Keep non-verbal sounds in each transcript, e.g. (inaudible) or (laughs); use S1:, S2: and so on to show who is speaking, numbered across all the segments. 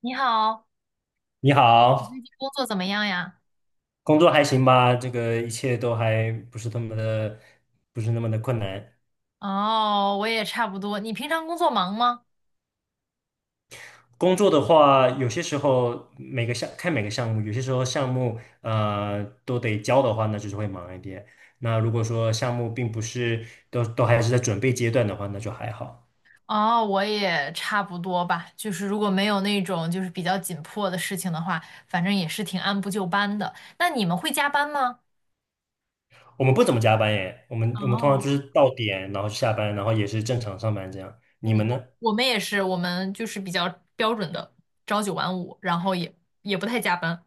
S1: 你好，
S2: 你
S1: 你最
S2: 好，
S1: 近工作怎么样呀？
S2: 工作还行吧？这个一切都还不是那么的，不是那么的困难。
S1: 哦，我也差不多。你平常工作忙吗？
S2: 工作的话，有些时候每个项目，有些时候项目呃都得交的话，那就是会忙一点。那如果说项目并不是都还是在准备阶段的话，那就还好。
S1: 哦，我也差不多吧。就是如果没有那种就是比较紧迫的事情的话，反正也是挺按部就班的。那你们会加班吗？
S2: 我们不怎么加班耶，我们通常
S1: 哦，
S2: 就是到点，然后下班，然后也是正常上班这样。你
S1: 嗯，
S2: 们
S1: 我
S2: 呢？
S1: 我们也是，我们就是比较标准的朝九晚五，然后也不太加班。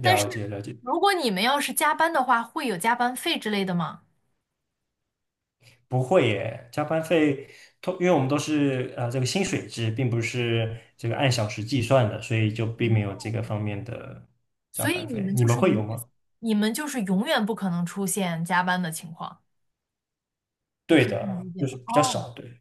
S1: 但是
S2: 解了解。
S1: 如果你们要是加班的话，会有加班费之类的吗？
S2: 不会耶，加班费，因为我们都是呃这个薪水制，并不是这个按小时计算的，所以就并没有这个方面的加
S1: 所以
S2: 班
S1: 你
S2: 费。
S1: 们
S2: 你
S1: 就
S2: 们
S1: 是
S2: 会
S1: 永
S2: 有吗？
S1: 远，你们就是永远不可能出现加班的情况，我
S2: 对
S1: 可以这么
S2: 的，
S1: 理解
S2: 就
S1: 吗？
S2: 是
S1: 哦，
S2: 比较少，对。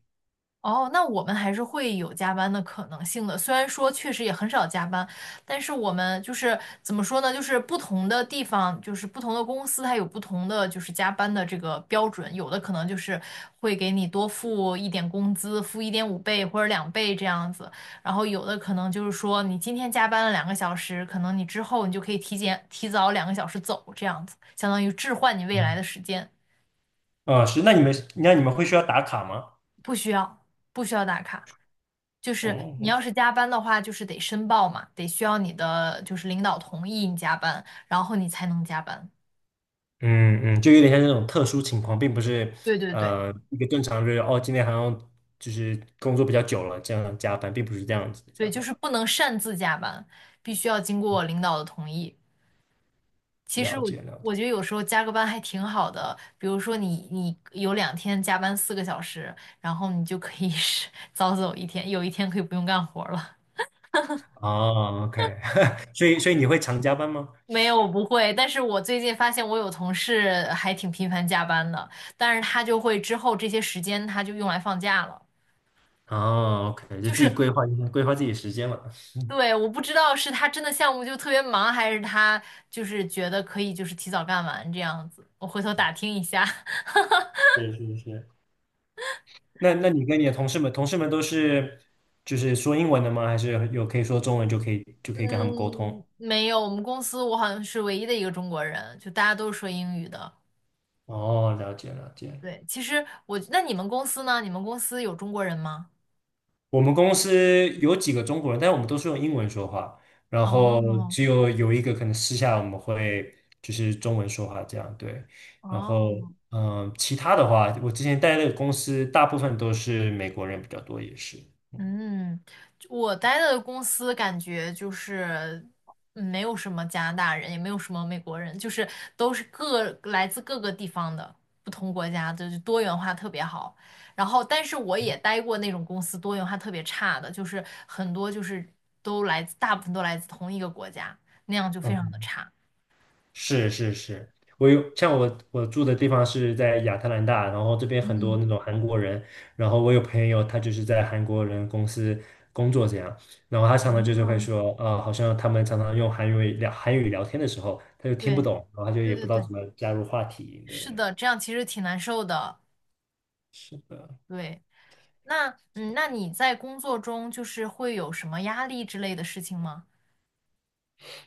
S1: 哦，那我们还是会有加班的可能性的。虽然说确实也很少加班，但是我们就是怎么说呢？就是不同的地方，就是不同的公司，它有不同的就是加班的这个标准。有的可能就是会给你多付一点工资，付1.5倍或者2倍这样子。然后有的可能就是说你今天加班了两个小时，可能你之后你就可以提早两个小时走，这样子，相当于置换你未来
S2: 嗯，
S1: 的时间，
S2: 啊是，那你们会需要打卡吗？
S1: 不需要不需要打卡。就是你要
S2: 嗯
S1: 是加班的话，就是得申报嘛，得需要你的就是领导同意你加班，然后你才能加班。
S2: 嗯嗯，就有点像那种特殊情况，并不是
S1: 对对对
S2: 呃一个正常日哦，今天好像就是工作比较久了，这样加班，并不是这样子的加
S1: 对，就
S2: 班。
S1: 是不能擅自加班，必须要经过领导的同意。其实
S2: 了
S1: 我
S2: 解了解。
S1: 我觉得有时候加个班还挺好的，比如说你有2天加班4个小时，然后你就可以是 (laughs) 早走一天，有一天可以不用干活了。
S2: 哦，OK，(laughs) 所以你会常加班吗？
S1: (laughs) 没有，我不会，但是我最近发现我有同事还挺频繁加班的，但是他就会之后这些时间他就用来放假了。
S2: 哦，OK，就
S1: 就
S2: 自
S1: 是
S2: 己规划一下，规划自己时间了。
S1: 对，我不知道是他真的项目就特别忙，还是他就是觉得可以就是提早干完这样子。我回头打听一下。(laughs)
S2: 是是是。那你跟你的同事们，同事们都是就是说英文的吗？还是有可以说中文就可以跟他们沟
S1: 嗯，
S2: 通？
S1: 没有，我们公司我好像是唯一的一个中国人，就大家都是说英语的。
S2: 哦，了解了解。
S1: 对，其实我，那你们公司呢？你们公司有中国人吗？
S2: 我们公司有几个中国人，但是我们都是用英文说话，然后
S1: 哦
S2: 只有一个可能私下我们会就是中文说话这样，对。然后
S1: 哦，
S2: 嗯，其他的话，我之前待的公司大部分都是美国人比较多，也是。
S1: 嗯，我待的公司感觉就是没有什么加拿大人，也没有什么美国人，就是都是各来自各个地方的不同国家的，就多元化特别好。然后，但是我也待过那种公司多元化特别差的，就是很多就是都来自，大部分都来自同一个国家，那样就非常
S2: 嗯。
S1: 的差。
S2: 是是是，我有像我住的地方是在亚特兰大，然后这边很多
S1: 嗯，
S2: 那种韩国人，然后我有朋友他就是在韩国人公司工作这样，然后他常常就是会
S1: 嗯，
S2: 说，呃，好像他们常常用韩语聊韩语聊天的时候，他就听不
S1: 对，
S2: 懂，然后他就
S1: 对
S2: 也不知
S1: 对
S2: 道
S1: 对，
S2: 怎么加入话题，
S1: 是
S2: 对，
S1: 的，这样其实挺难受的。
S2: 是的，
S1: 对。那嗯，那你在工作中就是会有什么压力之类的事情吗？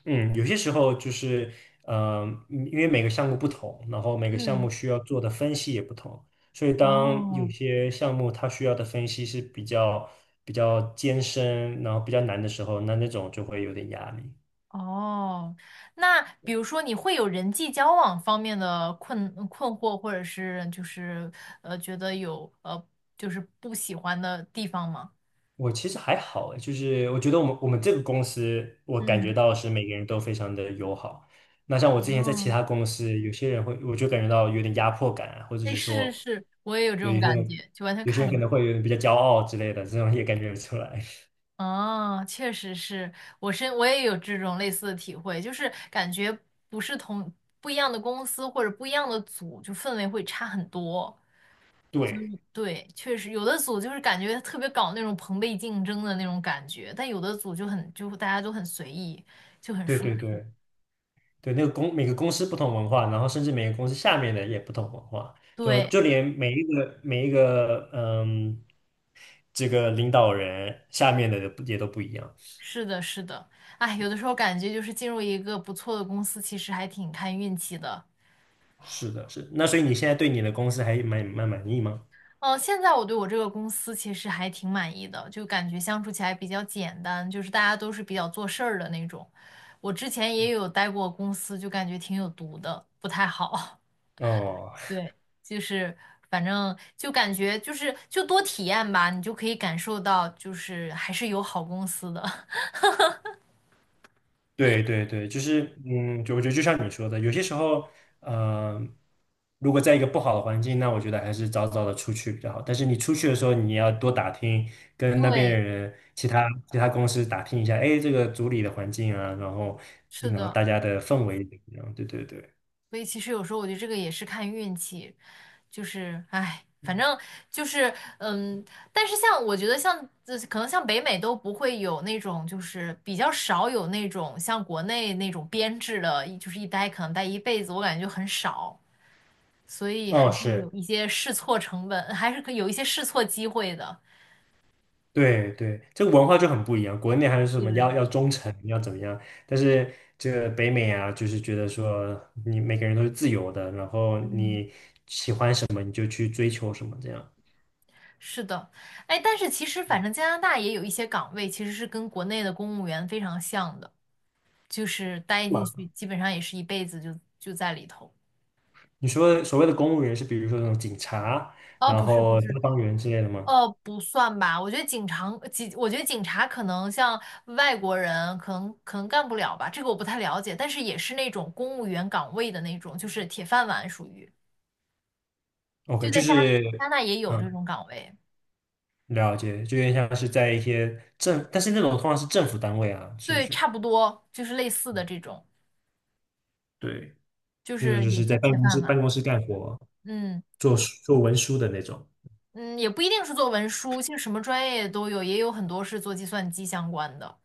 S2: 嗯，有些时候就是，呃，嗯因为每个项目不同，然后每个项
S1: 嗯，
S2: 目需要做的分析也不同，所以当有
S1: 哦
S2: 些项目它需要的分析是比较艰深，然后比较难的时候，那那种就会有点压力。
S1: 哦，那比如说你会有人际交往方面的困惑，或者是就是觉得有就是不喜欢的地方吗？
S2: 我其实还好诶，就是我觉得我们这个公司，我感觉
S1: 嗯，
S2: 到是每个人都非常的友好。那像我之前在其
S1: 哦，
S2: 他公司，有些人会，我就感觉到有点压迫感啊或者
S1: 哎，
S2: 是
S1: 是是
S2: 说，
S1: 是，我也有这
S2: 对，
S1: 种感觉，就完全
S2: 有些人
S1: 看
S2: 可
S1: 人。
S2: 能会有点比较骄傲之类的，这种也感觉得出来。(laughs)
S1: 哦，确实是，我也有这种类似的体会，就是感觉不是同不一样的公司或者不一样的组，就氛围会差很多。
S2: 对，
S1: 对，确实有的组就是感觉特别搞那种朋辈竞争的那种感觉，但有的组就很就大家都很随意，就很
S2: 对
S1: 舒
S2: 对
S1: 服。
S2: 对对，那个公每个公司不同文化，然后甚至每个公司下面的也不同文化，就
S1: 对，
S2: 就连每一个嗯，这个领导人下面的也都不一样。
S1: 是的，是的，哎，有的时候感觉就是进入一个不错的公司，其实还挺看运气的。
S2: 是的，是的，那所以你现在对你的公司还蛮满意吗？
S1: 哦，现在我对我这个公司其实还挺满意的，就感觉相处起来比较简单，就是大家都是比较做事儿的那种。我之前也有待过公司，就感觉挺有毒的，不太好。
S2: 哦，
S1: (laughs) 对，就是反正就感觉就是就多体验吧，你就可以感受到就是还是有好公司的。(laughs)
S2: 对对对，就是嗯，就我觉得就像你说的，有些时候，呃，如果在一个不好的环境，那我觉得还是早早的出去比较好。但是你出去的时候，你要多打听，跟那边
S1: 对，
S2: 人、其他公司打听一下，哎，这个组里的环境啊，
S1: 是
S2: 然后
S1: 的。
S2: 大家的氛围怎么样？对对对，
S1: 所以其实有时候我觉得这个也是看运气，就是唉，反正就是但是像我觉得像可能像北美都不会有那种就是比较少有那种像国内那种编制的，就是一待可能待一辈子，我感觉就很少，所以
S2: 哦，
S1: 还是
S2: 是。
S1: 有一些试错成本，还是可以有一些试错机会的。
S2: 对对，这个文化就很不一样。国内还是什
S1: 对
S2: 么
S1: 对
S2: 要
S1: 对，
S2: 要忠诚，要怎么样？但是这个北美啊，就是觉得说你每个人都是自由的，然后
S1: 嗯，
S2: 你就去追求什么这样。
S1: 是的，哎，但是其实反正加拿大也有一些岗位其实是跟国内的公务员非常像的。就是待进
S2: 嘛
S1: 去，基本上也是一辈子就在里头。
S2: 你说所谓的公务员是比如说那种警察，
S1: 哦，
S2: 然
S1: 不是不
S2: 后消
S1: 是，
S2: 防员之类的吗
S1: 哦，不算吧。我觉得警察，警，我觉得警察可能像外国人，可能干不了吧，这个我不太了解。但是也是那种公务员岗位的那种，就是铁饭碗属于。
S2: ？OK，
S1: 就
S2: 就
S1: 在加
S2: 是
S1: 加拿大也有这
S2: 嗯，
S1: 种岗位，
S2: 了解，就有点像是在一些，但是那种通常是政府单位啊，是不
S1: 对，
S2: 是？
S1: 差不多就是类似的这种，
S2: 对，
S1: 就
S2: 那种
S1: 是
S2: 就
S1: 也
S2: 是在
S1: 是铁饭
S2: 办
S1: 碗。
S2: 公室干活，
S1: 嗯
S2: 做做文书的那种。
S1: 嗯，也不一定是做文书，其实什么专业都有，也有很多是做计算机相关的。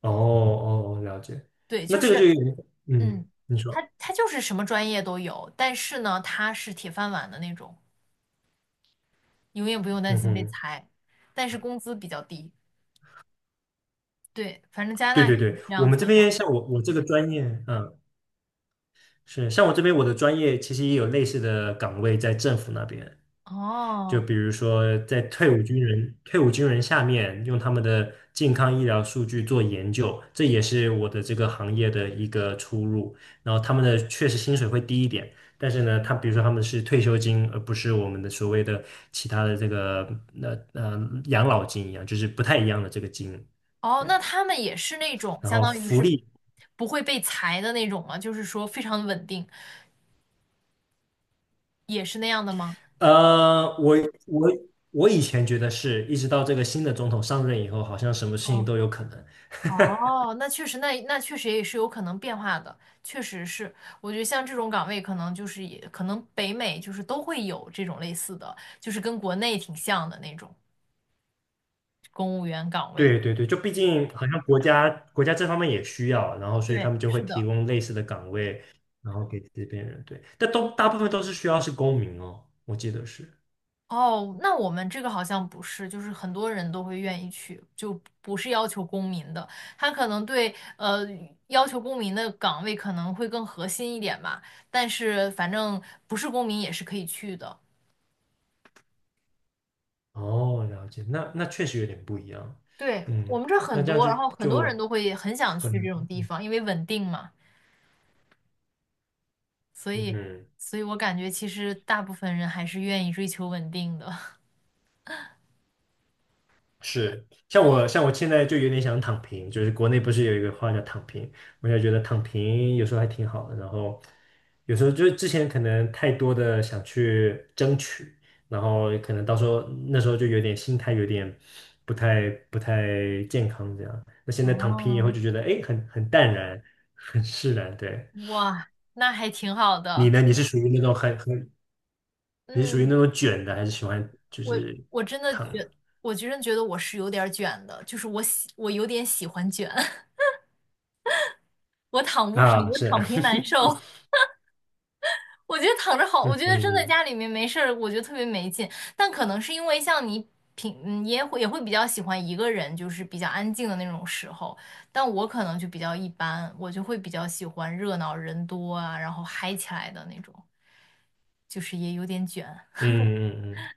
S2: 哦哦，哦了解。
S1: 对，
S2: 那
S1: 就
S2: 这个就
S1: 是。
S2: 有点，嗯，
S1: 嗯，
S2: 你说，
S1: 他就是什么专业都有，但是呢，他是铁饭碗的那种，永远不用担
S2: 嗯
S1: 心被
S2: 哼，
S1: 裁，但是工资比较低。对，反正加拿
S2: 对
S1: 大
S2: 对
S1: 是
S2: 对，
S1: 有这
S2: 我
S1: 样
S2: 们
S1: 子
S2: 这
S1: 的岗
S2: 边
S1: 位。
S2: 像我这个专业，嗯，是像我这边我的专业其实也有类似的岗位在政府那边，就
S1: 哦
S2: 比如说，在退伍军人下面，用他们的健康医疗数据做研究，这也是我的这个行业的一个出入。然后他们的确实薪水会低一点，但是呢，他比如说他们是退休金，而不是我们的所谓的其他的这个那养老金一样，就是不太一样的这个金。
S1: 哦，那
S2: 对，
S1: 他们也是那种
S2: 然
S1: 相
S2: 后
S1: 当于
S2: 福
S1: 是
S2: 利，
S1: 不会被裁的那种吗？就是说非常稳定，也是那样的吗？
S2: 呃，我我以前觉得是，一直到这个新的总统上任以后，好像什么事情
S1: 哦
S2: 都有可能。
S1: 哦，那确实，那那确实也是有可能变化的，确实是。我觉得像这种岗位，可能就是也可能北美就是都会有这种类似的，就是跟国内挺像的那种公务员岗位。
S2: 对对对，就毕竟好像国家这方面也需要，然后所以他
S1: 对，
S2: 们就会
S1: 是
S2: 提
S1: 的。
S2: 供类似的岗位，然后给这边人。对，但都大部分都是需要是公民哦，我记得是。
S1: 哦，那我们这个好像不是，就是很多人都会愿意去，就不是要求公民的，他可能对要求公民的岗位可能会更核心一点吧，但是反正不是公民也是可以去的。
S2: 哦，了解，那那确实有点不一样。
S1: 对，我
S2: 嗯，
S1: 们这儿
S2: 那
S1: 很
S2: 这样
S1: 多，
S2: 就
S1: 然后很多人
S2: 就
S1: 都会很想
S2: 可
S1: 去这
S2: 能，
S1: 种地方，因为稳定嘛，所
S2: 嗯
S1: 以，
S2: 哼。
S1: 所以我感觉其实大部分人还是愿意追求稳定的。(laughs)
S2: 是，像我现在就有点想躺平，就是国内不是有一个话叫躺平，我就觉得躺平有时候还挺好的，然后有时候就是之前可能太多的想去争取，然后可能到时候那时候就有点心态不太健康这样，那现在躺平以后
S1: 哦，
S2: 就觉得哎很淡然，很释然。对，
S1: 哇，那还挺好
S2: 你
S1: 的。
S2: 呢？你是属于
S1: 嗯，
S2: 那种卷的，还是喜欢就
S1: 我
S2: 是
S1: 我真的
S2: 躺
S1: 觉，
S2: 的？
S1: 我真的觉得我是有点儿卷的，我有点喜欢卷，(laughs) 我躺不平，
S2: 啊，
S1: 我
S2: 是，
S1: 躺平难受。
S2: (laughs)
S1: 我觉得躺着好，我
S2: 嗯
S1: 觉得真的
S2: 嗯
S1: 家里面没事儿，我觉得特别没劲。但可能是因为像你平，嗯，也会比较喜欢一个人，就是比较安静的那种时候。但我可能就比较一般，我就会比较喜欢热闹人多啊，然后嗨起来的那种，就是也有点卷。(laughs)
S2: 嗯。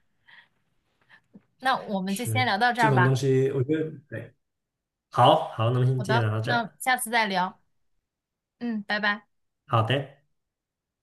S1: 那我们就先
S2: 是
S1: 聊到这
S2: 这
S1: 儿
S2: 种东
S1: 吧。
S2: 西，我觉得对，好好，那么先
S1: 好
S2: 天
S1: 的，
S2: 聊到这
S1: 那
S2: 儿，
S1: 下次再聊。嗯，拜拜。
S2: 好的，